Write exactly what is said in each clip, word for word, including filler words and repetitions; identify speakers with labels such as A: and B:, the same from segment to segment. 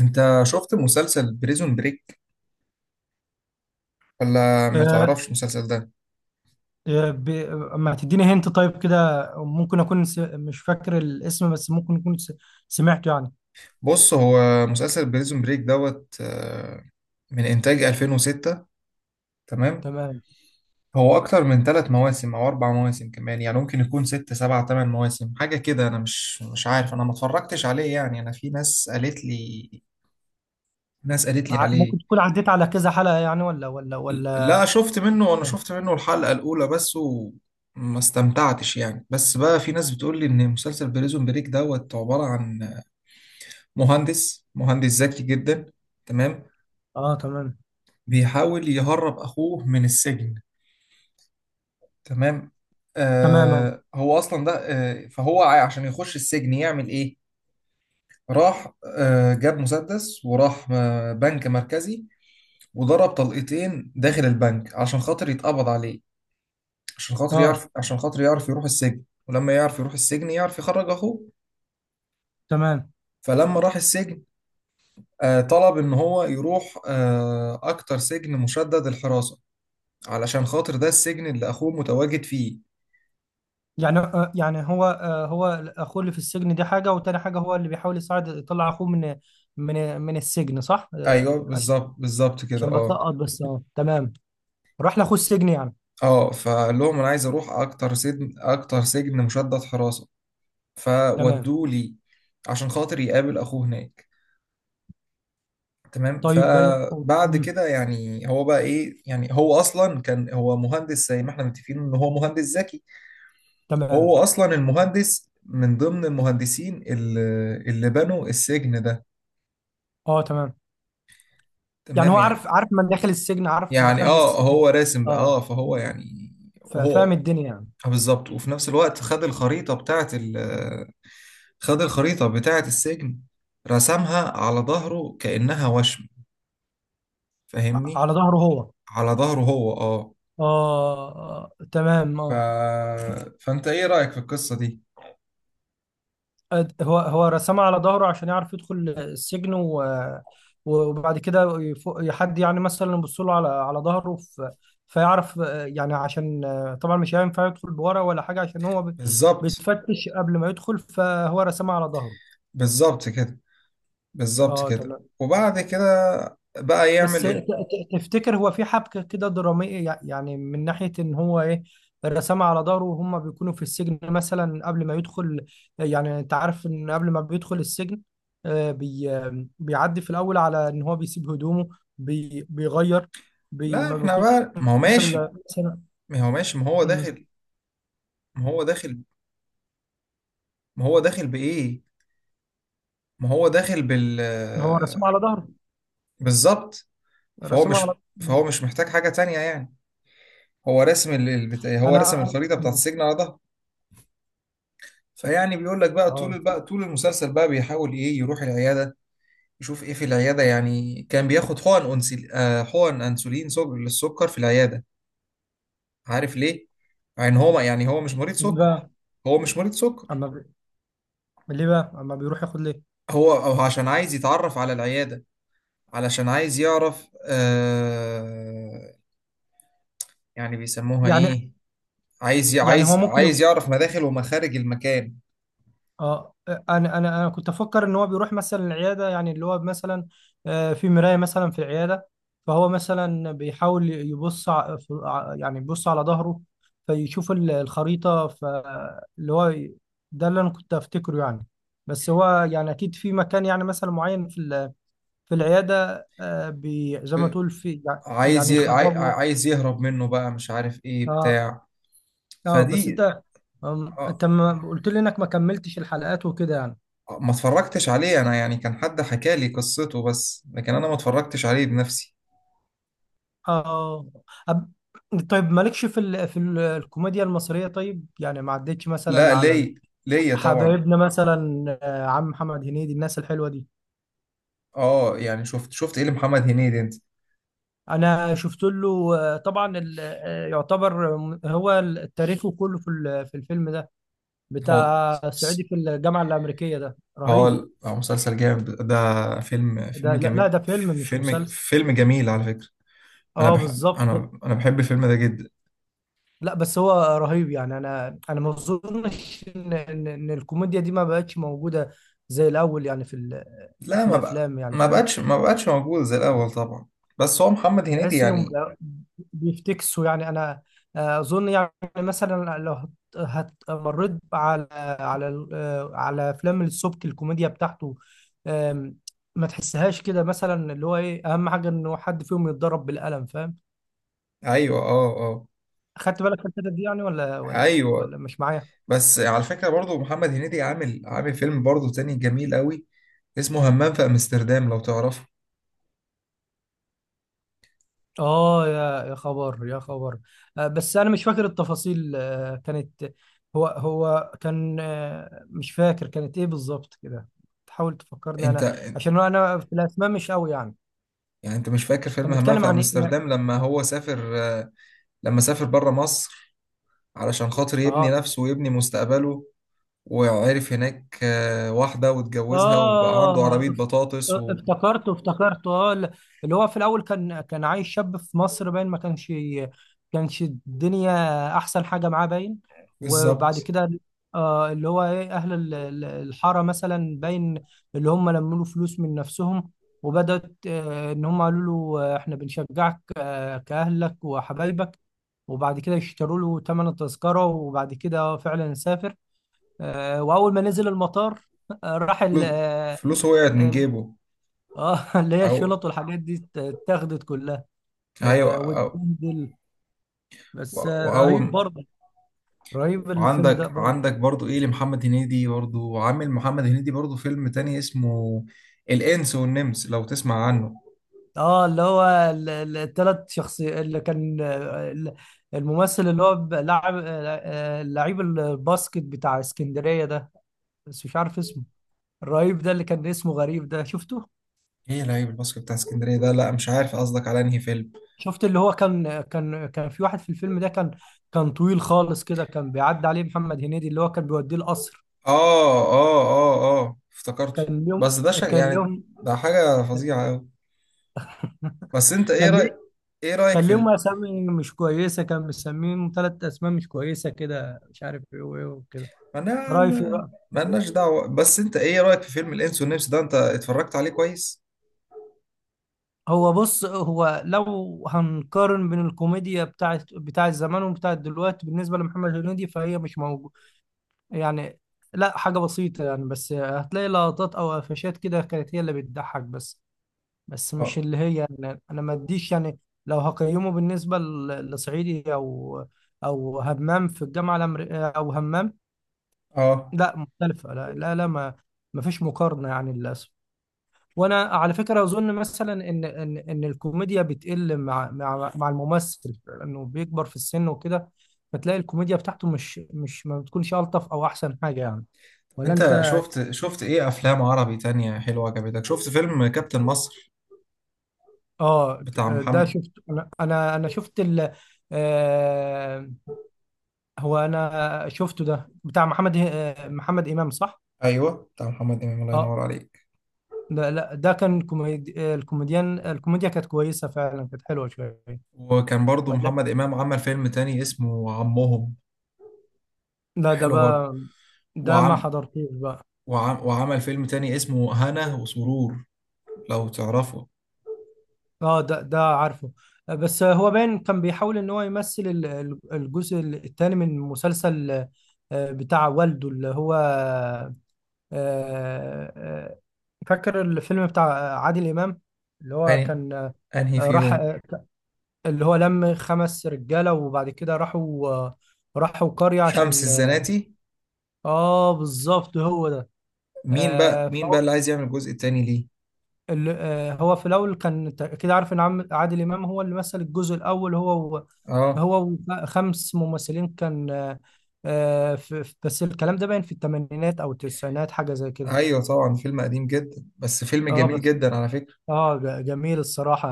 A: انت شفت مسلسل بريزون بريك ولا ما
B: آه،
A: تعرفش المسلسل ده.
B: آه، ب... ما تديني هنت طيب كده. ممكن اكون س... مش فاكر الاسم، بس ممكن اكون س... سمعته يعني.
A: بص هو مسلسل بريزون بريك دوت آه، من انتاج الفين وستة. تمام.
B: تمام.
A: هو اكتر من ثلاث مواسم او اربع مواسم كمان، يعني ممكن يكون ست سبع ثمان مواسم حاجه كده. انا مش مش عارف، انا ما اتفرجتش عليه يعني. انا في ناس قالت لي، ناس قالت لي
B: ع...
A: عليه.
B: ممكن تكون عديت على كذا حلقة يعني، ولا ولا ولا.
A: لا شفت منه، انا
B: اه،
A: شفت منه الحلقه الاولى بس وما استمتعتش يعني. بس بقى في ناس بتقول لي ان مسلسل بريزون بريك دوت عباره عن مهندس مهندس ذكي جدا. تمام.
B: آه تمام.
A: بيحاول يهرب اخوه من السجن. تمام.
B: تمام اه.
A: آه هو اصلا ده آه، فهو ع- عشان يخش السجن يعمل ايه؟ راح آه جاب مسدس وراح آه بنك مركزي وضرب طلقتين داخل البنك عشان خاطر يتقبض عليه، عشان خاطر
B: اه
A: يعرف عشان خاطر يعرف يروح السجن. ولما يعرف يروح السجن يعرف يخرج اخوه.
B: تمام.
A: فلما راح السجن آه طلب ان هو يروح آه اكتر سجن مشدد الحراسة، علشان خاطر ده السجن اللي اخوه متواجد فيه.
B: يعني آه يعني هو آه هو، اخوه اللي في السجن دي حاجة، وتاني حاجة هو اللي بيحاول يساعد يطلع اخوه من من من السجن، صح؟ آه
A: ايوه
B: عشان
A: بالظبط، بالظبط كده
B: عشان
A: اه.
B: بتلقط بس. اه تمام. راح لاخوه السجن يعني.
A: اه فقال لهم انا عايز اروح اكتر سجن، اكتر سجن مشدد حراسه،
B: تمام.
A: فودوه لي عشان خاطر يقابل اخوه هناك. تمام.
B: طيب باي-
A: فبعد
B: أمم،
A: كده يعني هو بقى ايه، يعني هو اصلا كان هو مهندس، زي ما احنا متفقين ان هو مهندس ذكي.
B: تمام
A: هو اصلا المهندس من ضمن المهندسين اللي اللي بنوا السجن ده.
B: اه. تمام. يعني
A: تمام
B: هو عارف
A: يعني.
B: عارف من داخل السجن، عارف
A: يعني
B: مخارج
A: اه
B: السجن.
A: هو راسم بقى
B: اه،
A: اه، فهو يعني
B: ف- فاهم
A: هو
B: الدنيا يعني.
A: آه، بالظبط. وفي نفس الوقت خد الخريطة بتاعة ال خد الخريطة بتاعة السجن، رسمها على ظهره كأنها وشم،
B: ع-
A: فاهمني؟
B: على ظهره هو.
A: على ظهره هو اه.
B: اه آه، تمام
A: ف...
B: اه.
A: فأنت إيه رأيك في القصة دي؟
B: أد- هو هو رسمها على ظهره، عشان يعرف يدخل السجن، و وبعد كده يفو- حد يعني مثلا يبص له على على ظهره. ف- فيعرف، آه، يعني عشان، آه، طبعا مش هينفع يدخل بورا ولا حاجه، عشان هو بي-
A: بالظبط،
B: بيتفتش قبل ما يدخل، فهو رسمها على ظهره.
A: بالظبط كده، بالظبط
B: اه
A: كده.
B: تمام.
A: وبعد كده بقى
B: بس
A: يعمل
B: ت-
A: إيه؟
B: ت- تفتكر هو في حبكة كده درامية، يع- يعني من ناحية إن هو إيه، الرسام على ظهره وهم بيكونوا في السجن، مثلا قبل ما يدخل؟ يعني أنت عارف إن قبل ما بيدخل السجن، آه، بي آه، بيعدي في الأول على إن هو بيسيب هدومه، بي بيغير، بي
A: لا
B: ما
A: احنا
B: بيكونش
A: بقى ما هو ماشي،
B: إلا مثلا.
A: ما هو ماشي ما هو
B: مم.
A: داخل، ما هو داخل ما هو داخل بإيه؟ ما هو داخل بال،
B: هو رسام على ظهره.
A: بالظبط. فهو
B: رسام على.
A: مش فهو
B: مم.
A: مش محتاج حاجة تانية يعني. هو رسم ال- البت... هو رسم
B: أنا أنا-
A: الخريطه بتاعت
B: مم.
A: السجن على ظهره. فيعني بيقول لك بقى طول،
B: آه
A: بقى طول المسلسل بقى بيحاول ايه، يروح العياده يشوف ايه في العياده. يعني كان بياخد حقن انسل... آه حقن انسولين سج... للسكر في العياده. عارف ليه؟ يعني هو ما... يعني هو مش مريض
B: ليه
A: سكر،
B: بقى؟
A: هو مش مريض سكر.
B: أما بي- ليه بقى؟ أما بيروح ياخد ليه؟
A: هو هو عشان عايز يتعرف على العياده، علشان عايز يعرف آه... يعني بيسموها
B: يعني.
A: ايه؟ عايز ي-
B: يعني هو
A: عايز عايز
B: ممكن.
A: يعرف مداخل ومخارج المكان.
B: اه، انا انا انا كنت افكر ان هو بيروح مثلا العياده، يعني اللي هو مثلا آه، في مرايه مثلا في العياده، فهو مثلا بيحاول يبص ع- في- ع- يعني يبص على ظهره، فيشوف ال- الخريطه، فاللي هو ي- ده اللي انا كنت افتكره يعني. بس هو، يعني اكيد في مكان يعني مثلا معين في ال- في العياده، آه، بي زي ما تقول، في يع-
A: عايز
B: يعني
A: ي... عاي...
B: يخرجه.
A: عايز يهرب منه بقى، مش عارف ايه
B: اه.
A: بتاع
B: اه، بس
A: فدي.
B: انت، أم،
A: آه،
B: انت ما قلت لي انك ما كملتش الحلقات وكده يعني.
A: آه، ما اتفرجتش عليه انا يعني، كان حد حكى لي قصته بس، لكن انا ما اتفرجتش عليه بنفسي.
B: اه. أب... طيب مالكش في ال... في ال... الكوميديا المصرية، طيب؟ يعني ما عدتش
A: لا
B: مثلا على ال-
A: ليه، ليا طبعا.
B: حبايبنا مثلا، آه، عم محمد هنيدي، الناس الحلوة دي.
A: اه يعني شفت، شفت ايه لمحمد هنيدي انت؟
B: انا شفت له، آه، طبعا ال... آه، يعتبر، م- هو ال- تاريخه كله في ال... في الفيلم ده،
A: هو
B: بتاع صعيدي في الجامعة الأمريكية، ده
A: اه
B: رهيب.
A: ال- آه، مسلسل جامد ده، فيلم فيلم
B: ده لا، لا،
A: جميل،
B: ده فيلم مش
A: فيلم
B: مسلسل.
A: فيلم جميل على فكرة. انا
B: اه
A: بحب،
B: بالظبط.
A: انا انا بحب الفيلم ده جدا.
B: لا، بس هو رهيب يعني. انا انا ما اظنش ان ان إن الكوميديا دي ما بقتش موجوده زي الاول يعني، في ال-
A: لا،
B: في
A: ما بقى،
B: الافلام يعني،
A: ما
B: فاهم؟
A: بقتش ما بقتش موجود زي الاول طبعا. بس هو محمد هنيدي
B: بحس انهم
A: يعني
B: بقى- بيفتكسوا يعني. انا آه، اظن يعني، مثلا لو هت هت- مريت على على ال- آه، على افلام السبكي، الكوميديا بتاعته، آم، ما تحسهاش كده مثلا؟ اللي هو ايه؟ اهم حاجه انه حد فيهم يتضرب بالقلم، فاهم؟
A: ايوه اه اه،
B: خدت بالك من الحتة دي يعني، ولا ولا
A: ايوه.
B: ولا مش معايا؟
A: بس على فكره برضو محمد هنيدي عامل، عامل فيلم برضو تاني جميل قوي اسمه همام في امستردام، لو تعرفه
B: اه، يا يا خبر، يا خبر. آه، بس انا مش فاكر التفاصيل، آه، كانت، هو هو كان، آه، مش فاكر كانت ايه بالظبط كده. تحاول تفكرني
A: انت.
B: انا، عشان انا في الاسماء مش قوي يعني.
A: يعني انت مش فاكر فيلم
B: كان
A: همام
B: بيتكلم
A: في
B: عن ايه؟
A: امستردام لما هو سافر، آه، لما سافر بره مصر علشان خاطر يبني
B: اه
A: نفسه ويبني مستقبله؟ وعرف هناك آه، واحده واتجوزها وبقى عنده عربيه
B: اه. اف-
A: بطاطس و...
B: افتكرته، افتكرته. اه ال- اللي هو في الاول كان كان عايش شاب في مصر، باين ما كانش، كانش الدنيا احسن حاجه معاه، باين.
A: بالظبط.
B: وبعد كده آه، اللي هو ايه، اهل ال- ال- الحاره مثلا، باين اللي هم لموا له فلوس من نفسهم، وبدات، آه، ان هم قالوا له، آه، احنا بنشجعك، آه كاهلك وحبايبك. وبعد كده يشتروا له ثمن التذكره، وبعد كده فعلا سافر. آه، واول ما نزل المطار، آه، راح ال.
A: فلو-
B: اه.
A: فلوسه وقعت من
B: ال-
A: جيبه.
B: آه، اللي هي الشنط
A: او
B: والحاجات دي ات- اتاخدت كلها.
A: ايوه
B: آه،
A: أو...
B: واتبهدل. بس آه، رهيب
A: وأول.
B: برضه، رهيب الفيلم ده
A: وعندك،
B: برضه.
A: عندك برضو ايه لمحمد هنيدي؟ برضو عامل محمد هنيدي برضو فيلم تاني اسمه الانس والنمس، لو تسمع عنه.
B: اه، اللي هو الثلاث شخصيات اللي كان، آه، ال- الممثل اللي هو ب- لاعب، آه، آه، لعيب الباسكت بتاع اسكندرية ده، بس مش عارف اسمه، الرهيب ده، اللي كان اسمه غريب ده، شفته؟
A: ايه لعيب الباسكت بتاع اسكندريه ده؟ لا مش عارف قصدك على انهي فيلم.
B: شفت اللي هو كان كان كان في واحد في الفيلم ده كان، كان طويل خالص كده، كان بيعدي عليه محمد هنيدي، اللي هو كان بيوديه القصر.
A: اه اه اه اه افتكرته.
B: كان ليهم
A: بس ده شيء
B: كان
A: يعني،
B: ليهم
A: ده حاجه فظيعه قوي. بس انت ايه
B: كان ليه
A: رايك، ايه رايك
B: كان
A: في
B: ليهم
A: ال...
B: اسامي مش كويسه، كان مسميهم ثلاث اسماء مش كويسه كده، مش عارف ايه وايه وكده.
A: ما انا
B: رايفي
A: ما
B: بقى.
A: مالناش دعوه. بس انت ايه رايك في فيلم الانس والنمس ده، انت اتفرجت عليه كويس؟
B: هو بص، هو لو هنقارن بين الكوميديا بتاعت بتاعت زمان وبتاعت دلوقتي بالنسبه لمحمد هنيدي، فهي مش موجوده يعني، لا حاجه بسيطه يعني. بس هتلاقي لقطات او قفشات كده كانت هي اللي بتضحك بس، بس مش
A: اه
B: اللي هي يعني، انا ما اديش يعني. لو هقيمه بالنسبه ل- لصعيدي او او همام في الجامعه الامريكيه او همام،
A: اه.
B: لا مختلفه، لا لا لا، ما ما فيش مقارنه يعني للاسف. وانا على فكره اظن مثلا ان ان ان الكوميديا بتقل مع مع مع الممثل، لانه بيكبر في السن وكده، فتلاقي الكوميديا بتاعته مش، مش ما بتكونش الطف او احسن حاجه يعني. ولا
A: انت
B: انت؟
A: شفت، شفت ايه افلام عربي تانية حلوة عجبتك؟ شفت فيلم كابتن مصر
B: اه.
A: بتاع
B: ده
A: محمد؟
B: شفت انا، انا أنا شفت ال. هو انا شفته، ده بتاع محمد، آه، محمد امام، صح؟
A: ايوه بتاع محمد امام، الله
B: اه.
A: ينور عليك.
B: ده لا، ده كان كوميدي، آه، الكوميديان الكوميديا كانت كويسه فعلا، كانت حلوه شويه.
A: وكان برضو
B: ولا.
A: محمد امام عمل فيلم تاني اسمه عمهم،
B: لا، ده
A: حلو برضو.
B: بقى ده ما
A: وعم,
B: حضرتوش بقى.
A: وعم وعمل فيلم تاني اسمه هنا وسرور، لو تعرفه.
B: اه، ده ده عارفه. آه، بس هو باين كان بيحاول ان هو يمثل ال- ال- الجزء الثاني من مسلسل، آه، بتاع والده، اللي هو، آه، آه، فاكر الفيلم بتاع عادل امام، اللي هو
A: يعني
B: كان، آه،
A: انهي
B: راح،
A: فيهم؟
B: آه، اللي هو لم خمس رجاله، وبعد كده راحوا، راحوا قريه
A: شمس
B: عشان.
A: الزناتي.
B: اه بالظبط، هو ده.
A: مين بقى،
B: آه
A: مين بقى اللي
B: فهو
A: عايز يعمل الجزء التاني ليه؟
B: ال- آه هو في الاول كان، تع- كده عارف ان عم- عادل امام هو اللي مثل الجزء الاول، هو و-
A: اه
B: هو وخمس ممثلين كان، آه آه، في في- بس الكلام ده باين في الثمانينات او التسعينات، حاجه زي كده.
A: ايوه طبعا، فيلم قديم جدا بس فيلم
B: اه
A: جميل
B: بس.
A: جدا على فكرة.
B: اه ج- جميل الصراحه،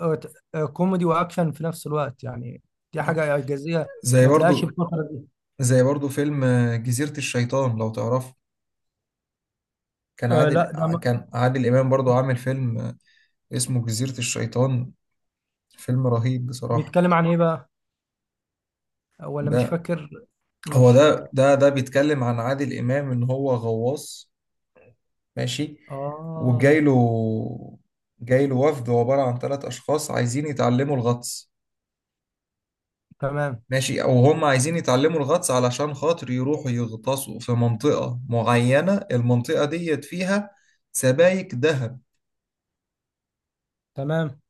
B: آه ت- آه، كوميدي واكشن في نفس الوقت يعني، دي
A: آه.
B: حاجه اعجازيه.
A: زي
B: ما تلاقيش
A: برضو،
B: الفتره دي.
A: زي برضو فيلم آه، جزيرة الشيطان لو تعرفه. كان
B: آه
A: عادل
B: لا، ده
A: ع- كان عادل إمام برضو عامل فيلم آه، اسمه جزيرة الشيطان، فيلم رهيب بصراحة.
B: بيتكلم عن ايه بقى؟ ولا مش
A: ده
B: فاكر.
A: هو
B: مش.
A: ده، ده ده بيتكلم عن عادل إمام إن هو غواص، ماشي؟
B: اه
A: وجاي له، جاي له وفد عبارة عن ثلاث أشخاص عايزين يتعلموا الغطس.
B: تمام.
A: ماشي؟ أو هم عايزين يتعلموا الغطس علشان خاطر يروحوا يغطسوا في منطقة معينة، المنطقة ديت فيها سبايك ذهب.
B: تمام.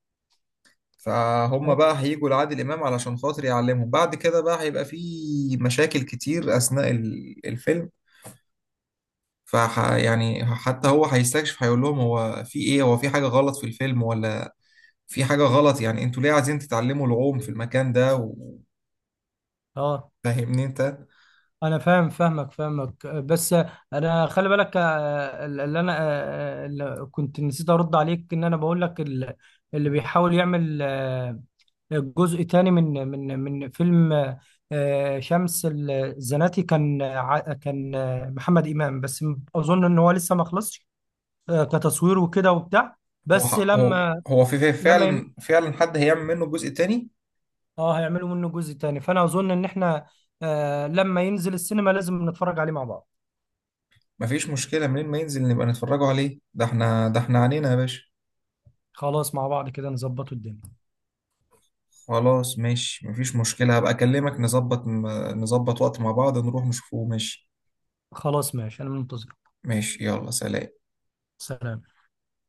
A: فهم بقى هيجوا لعادل إمام علشان خاطر يعلمهم. بعد كده بقى هيبقى في مشاكل كتير أثناء ال- الفيلم. فح يعني حتى هو هيستكشف، هيقول لهم هو في إيه، هو في حاجة غلط في الفيلم ولا في حاجة غلط، يعني أنتوا ليه عايزين تتعلموا العوم في المكان ده و-؟
B: اه،
A: فاهمني أنت؟
B: انا فاهم، فاهمك فاهمك. بس انا خلي بالك، آه، اللي انا، آه، اللي كنت نسيت ارد عليك، ان انا بقول لك ال- اللي بيحاول يعمل، آه، جزء تاني من من من فيلم، آه، شمس الزناتي، كان ع- كان، آه، محمد امام بس. اظن ان هو لسه ما خلصش، آه، كتصوير وكده وبتاع.
A: هو
B: بس
A: ح- هو
B: لما
A: هو في في-
B: لما،
A: فعلا، فعلا حد هيعمل منه جزء تاني؟
B: اه، هيعملوا منه جزء تاني، فانا اظن ان احنا، آه لما ينزل السينما لازم نتفرج عليه مع بعض.
A: مفيش مشكلة، منين ما ينزل نبقى نتفرجوا عليه، ده احنا، ده احنا عنينا يا باشا.
B: خلاص، مع بعض كده نظبطوا الدنيا.
A: خلاص ماشي مفيش مشكلة، هبقى أكلمك نظبط، نظبط وقت مع بعض نروح نشوفه ماشي.
B: خلاص ماشي، انا منتظرك.
A: ماشي، يلا سلام.
B: سلام.